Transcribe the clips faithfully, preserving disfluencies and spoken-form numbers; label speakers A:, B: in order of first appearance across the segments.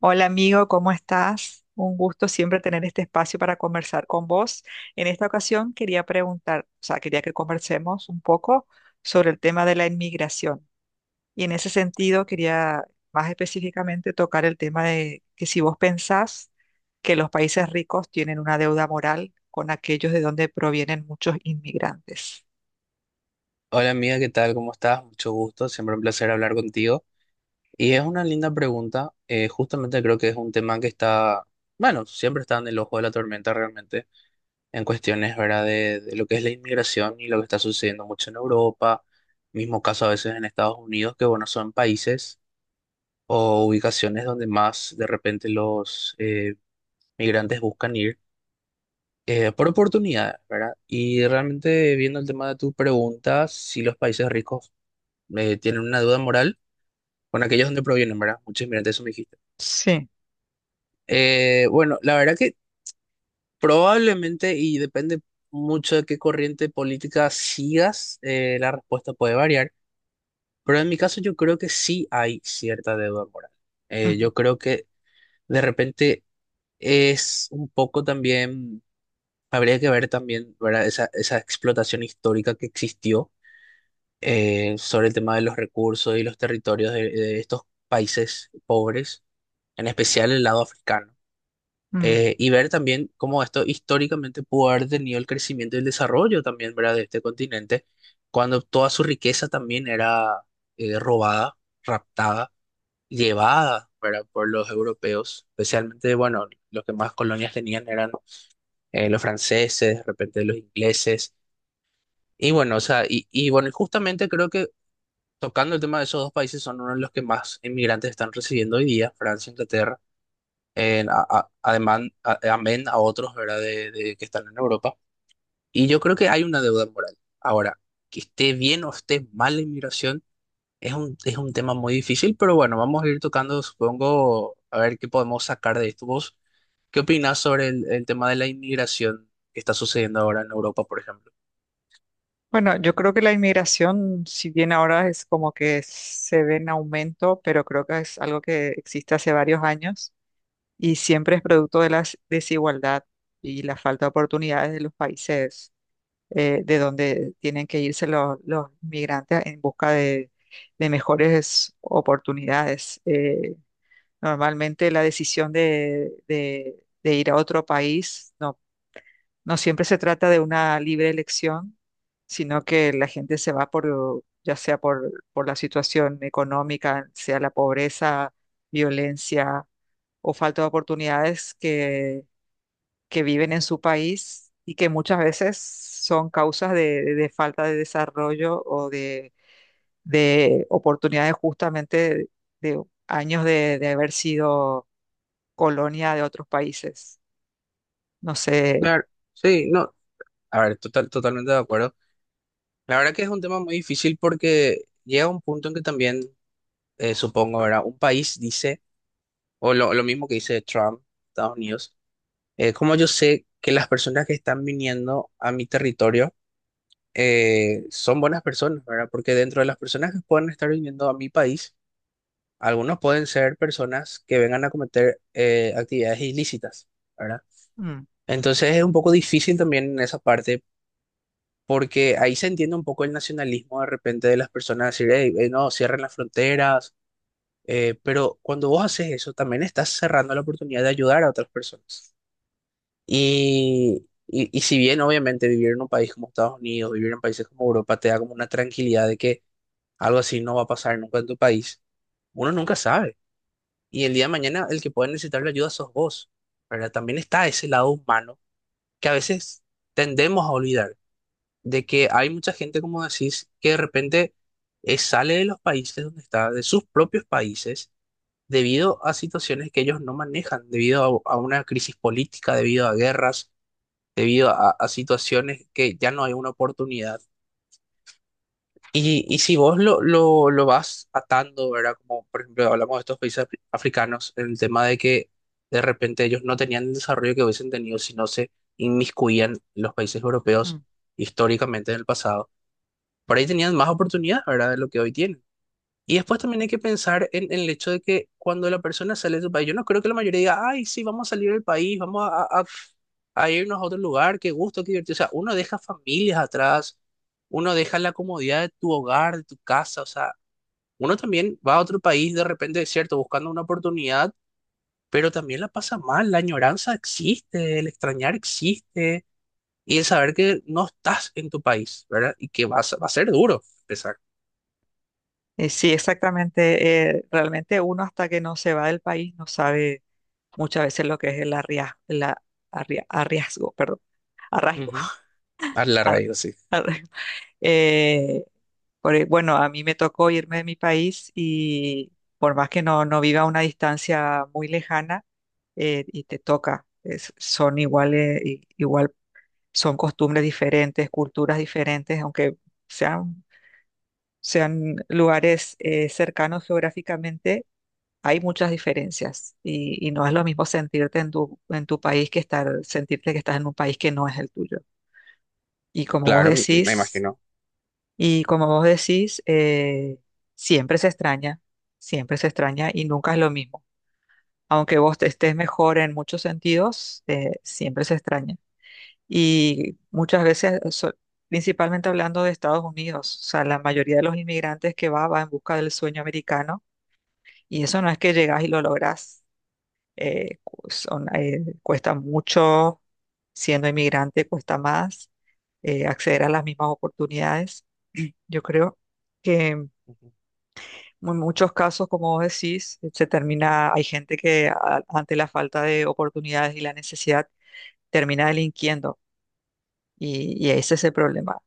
A: Hola amigo, ¿cómo estás? Un gusto siempre tener este espacio para conversar con vos. En esta ocasión quería preguntar, o sea, quería que conversemos un poco sobre el tema de la inmigración. Y en ese sentido quería más específicamente tocar el tema de que si vos pensás que los países ricos tienen una deuda moral con aquellos de donde provienen muchos inmigrantes.
B: Hola amiga, ¿qué tal? ¿Cómo estás? Mucho gusto, siempre un placer hablar contigo. Y es una linda pregunta, eh, justamente creo que es un tema que está, bueno, siempre está en el ojo de la tormenta realmente, en cuestiones, ¿verdad?, de, de lo que es la inmigración y lo que está sucediendo mucho en Europa, mismo caso a veces en Estados Unidos, que bueno, son países o ubicaciones donde más de repente los eh, migrantes buscan ir. Eh, por oportunidades, ¿verdad? Y realmente viendo el tema de tu pregunta, si los países ricos eh, tienen una duda moral, bueno, aquellos donde provienen, ¿verdad? Muchos inmigrantes, eso me dijiste.
A: Sí.
B: Eh, bueno, la verdad que probablemente, y depende mucho de qué corriente política sigas, eh, la respuesta puede variar, pero en mi caso yo creo que sí hay cierta deuda moral. Eh,
A: Ujú.
B: yo creo que de repente es un poco también, habría que ver también, ¿verdad? Esa, esa explotación histórica que existió eh, sobre el tema de los recursos y los territorios de de estos países pobres, en especial el lado africano.
A: Mm.
B: Eh, y ver también cómo esto históricamente pudo haber tenido el crecimiento y el desarrollo también, ¿verdad? De este continente, cuando toda su riqueza también era eh, robada, raptada, llevada, ¿verdad? Por los europeos, especialmente, bueno, los que más colonias tenían eran eh, los franceses, de repente los ingleses, y bueno, o sea, y, y bueno, y justamente creo que tocando el tema de esos dos países son uno de los que más inmigrantes están recibiendo hoy día, Francia e Inglaterra en- a- a- además, a- amén a otros, ¿verdad? De, de que están en Europa. Y yo creo que hay una deuda moral. Ahora, que esté bien o esté mal la inmigración es un, es un tema muy difícil, pero bueno, vamos a ir tocando, supongo, a ver qué podemos sacar de esto. ¿Vos qué opinás sobre el, el tema de la inmigración que está sucediendo ahora en Europa, por ejemplo?
A: Bueno, yo creo que la inmigración, si bien ahora es como que se ve en aumento, pero creo que es algo que existe hace varios años y siempre es producto de la desigualdad y la falta de oportunidades de los países eh, de donde tienen que irse los, los migrantes en busca de, de mejores oportunidades. Eh, normalmente la decisión de, de de ir a otro país no no siempre se trata de una libre elección, sino que la gente se va por, ya sea por, por la situación económica, sea la pobreza, violencia o falta de oportunidades que, que viven en su país y que muchas veces son causas de, de falta de desarrollo o de, de oportunidades justamente de años de, de haber sido colonia de otros países. No sé.
B: Claro, sí, no, a ver, total, totalmente de acuerdo. La verdad que es un tema muy difícil porque llega un punto en que también, eh, supongo, ¿verdad? Un país dice... o lo, lo mismo que dice Trump, Estados Unidos, eh, como yo sé que las personas que están viniendo a mi territorio eh, son buenas personas, ¿verdad? Porque dentro de las personas que pueden estar viniendo a mi país, algunos pueden ser personas que vengan a cometer eh, actividades ilícitas, ¿verdad?
A: Mm,
B: Entonces es un poco difícil también en esa parte. Porque ahí se entiende un poco el nacionalismo de repente de las personas, decir, hey, eh, no, cierren las fronteras, eh, pero cuando vos haces eso, también estás cerrando la oportunidad de ayudar a otras personas. Y, y, y si bien obviamente vivir en un país como Estados Unidos, vivir en países como Europa, te da como una tranquilidad de que algo así no va a pasar nunca en tu país, uno nunca sabe. Y el día de mañana el que puede necesitar la ayuda sos vos, ¿verdad? También está ese lado humano que a veces tendemos a olvidar, de que hay mucha gente, como decís, que de repente eh, sale de los países donde está, de sus propios países, debido a situaciones que ellos no manejan, debido a a una crisis política, debido a guerras debido a, a situaciones que ya no hay una oportunidad. Y, y si vos lo, lo, lo vas atando, ¿verdad? Como por ejemplo hablamos de estos países afri- africanos, el tema de que de repente ellos no tenían el desarrollo que hubiesen tenido si no se inmiscuían los países
A: mm.
B: europeos históricamente en el pasado. Por ahí tenían más oportunidades, ¿verdad? De lo que hoy tienen. Y después también hay que pensar en, en el hecho de que cuando la persona sale de su país, yo no creo que la mayoría diga, ay, sí, vamos a salir del país, vamos a, a- a- a irnos a otro lugar, qué gusto, qué divertido. O sea, uno deja familias atrás, uno deja la comodidad de tu hogar, de tu casa, o sea, uno también va a otro país de repente, es cierto, buscando una oportunidad, pero también la pasa mal, la añoranza existe, el extrañar existe, y el saber que no estás en tu país, ¿verdad? Y que vas, va a ser duro empezar.
A: Eh, sí, exactamente. eh, realmente uno hasta que no se va del país no sabe muchas veces lo que es el arria- la arria- arriazgo, perdón, arraigo.
B: Ujú. A la
A: ar-
B: raíz, sí.
A: ar- eh, por e- bueno, a mí me tocó irme de mi país y por más que no, no viva a una distancia muy lejana, eh, y te toca, es- son iguales, i- igual, son costumbres diferentes, culturas diferentes, aunque sean, sean lugares eh, cercanos geográficamente hay muchas diferencias y, y no es lo mismo sentirte en tu, en tu país que estar, sentirte que estás en un país que no es el tuyo. Y como vos
B: Claro, m- me
A: decís,
B: imagino.
A: y como vos decís, eh, siempre se extraña, siempre se extraña y nunca es lo mismo. Aunque vos te estés mejor en muchos sentidos, eh, siempre se extraña. Y muchas veces, so- principalmente hablando de Estados Unidos, o sea, la mayoría de los inmigrantes que va, va en busca del sueño americano y eso no es que llegás y lo lográs eh, cu- son, eh, cuesta mucho, siendo inmigrante cuesta más eh, acceder a las mismas oportunidades. Yo creo que en mu- muchos casos, como vos decís, se termina, hay gente que a- ante la falta de oportunidades y la necesidad termina delinquiendo y, y ese es el problema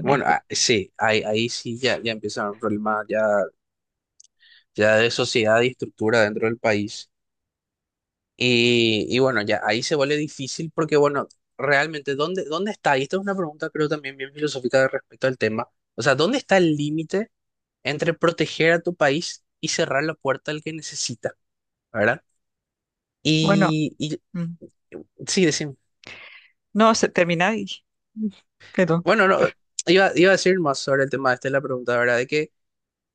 B: Bueno, ah, sí, ahí, ahí sí ya, ya empieza un problema ya, ya de sociedad y estructura dentro del país. Y, y bueno, ya ahí se vuelve difícil porque, bueno, realmente, ¿dónde, dónde está? Y esta es una pregunta creo también bien filosófica de respecto al tema. O sea, ¿dónde está el límite entre proteger a tu país y cerrar la puerta al que necesita? ¿Verdad?
A: Bueno,
B: Y, y
A: mm,
B: sí, decimos,
A: no, se termina y mm, perdón.
B: bueno, no, iba, iba a decir más sobre el tema, esta es la pregunta, ¿verdad? De que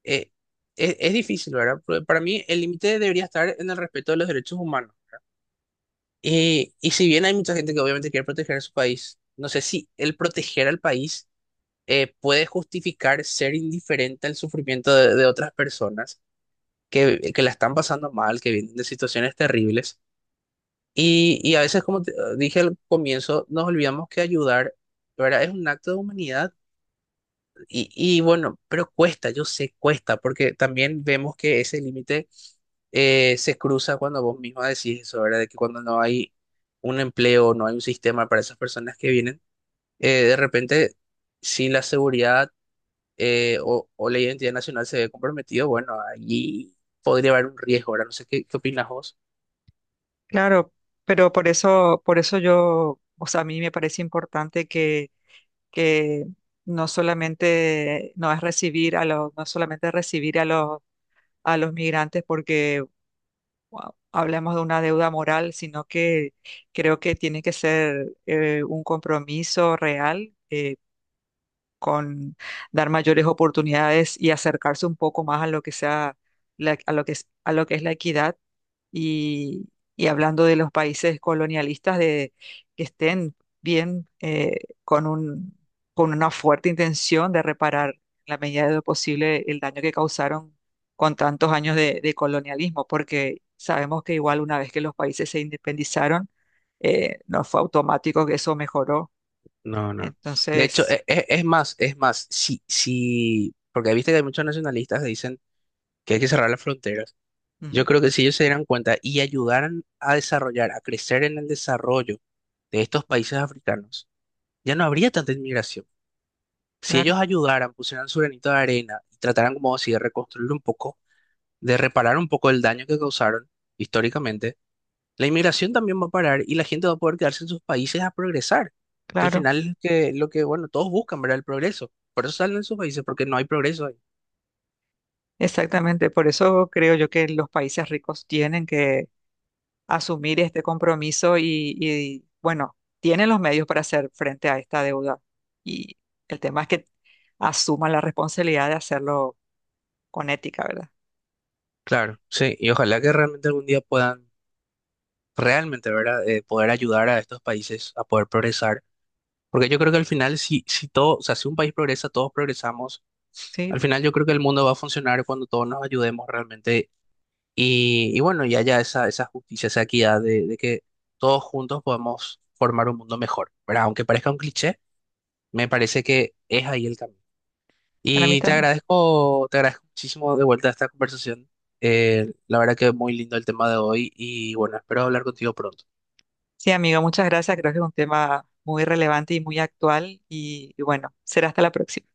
B: eh, es, es difícil, ¿verdad? Pero para mí el límite debería estar en el respeto de los derechos humanos. Y, y si bien hay mucha gente que obviamente quiere proteger a su país, no sé si el proteger al país eh, puede justificar ser indiferente al sufrimiento de, de otras personas que, que la están pasando mal, que vienen de situaciones terribles. Y, y a veces, como te- dije al comienzo, nos olvidamos que ayudar, ¿verdad? Es un acto de humanidad. Y, y bueno, pero cuesta, yo sé, cuesta, porque también vemos que ese límite eh, se cruza cuando vos misma decís eso, ¿verdad? De que cuando no hay un empleo, no hay un sistema para esas personas que vienen, eh, de repente, si la seguridad eh, o, o la identidad nacional se ve comprometido, bueno, allí podría haber un riesgo, ¿verdad? No sé qué, qué opinas vos.
A: Claro, pero por eso, por eso yo, o sea, a mí me parece importante que que no solamente no es recibir a los, no solamente recibir a los, a los migrantes porque wow, hablamos de una deuda moral, sino que creo que tiene que ser eh, un compromiso real. eh, con dar mayores oportunidades y acercarse un poco más a lo que sea la- a lo que es, a lo que es la equidad y, y hablando de los países colonialistas de que estén bien eh, con un, con una fuerte intención de reparar en la medida de lo posible el daño que causaron con tantos años de, de colonialismo, porque sabemos que igual una vez que los países se independizaron, eh, no fue automático que eso mejoró.
B: No, no. De hecho,
A: Entonces,
B: e- e- es, más, es más, si, si, porque viste que hay muchos nacionalistas que dicen que hay que cerrar las fronteras. Yo
A: mm,
B: creo que si ellos se dieran cuenta y ayudaran a desarrollar, a crecer en el desarrollo de estos países africanos, ya no habría tanta inmigración. Si ellos
A: claro.
B: ayudaran, pusieran su granito de arena y trataran como así de reconstruir un poco, de reparar un poco el daño que causaron históricamente, la inmigración también va a parar y la gente va a poder quedarse en sus países a progresar, que al
A: Claro,
B: final es que, lo que, bueno, todos buscan, ¿verdad? El progreso. Por eso salen de sus países, porque no hay progreso ahí.
A: exactamente. Por eso creo yo que los países ricos tienen que asumir este compromiso y, y, bueno, tienen los medios para hacer frente a esta deuda. Y el tema es que asuman la responsabilidad de hacerlo con ética, ¿verdad?
B: Claro, sí, y ojalá que realmente algún día puedan realmente, ¿verdad? Eh, poder ayudar a estos países a poder progresar. Porque yo creo que al final, si, si todo, o sea, si un país progresa, todos progresamos.
A: Sí,
B: Al final yo creo que el mundo va a funcionar cuando todos nos ayudemos realmente y, y bueno, y haya esa, esa justicia, esa equidad de, de que todos juntos podemos formar un mundo mejor, ¿verdad? Aunque parezca un cliché, me parece que es ahí el camino.
A: para mí
B: Y te
A: también.
B: agradezco, te agradezco muchísimo de vuelta a esta conversación. Eh, la verdad que es muy lindo el tema de hoy y bueno, espero hablar contigo pronto.
A: Sí, amigo, muchas gracias. Creo que es un tema muy relevante y muy actual. Y y bueno, será hasta la próxima.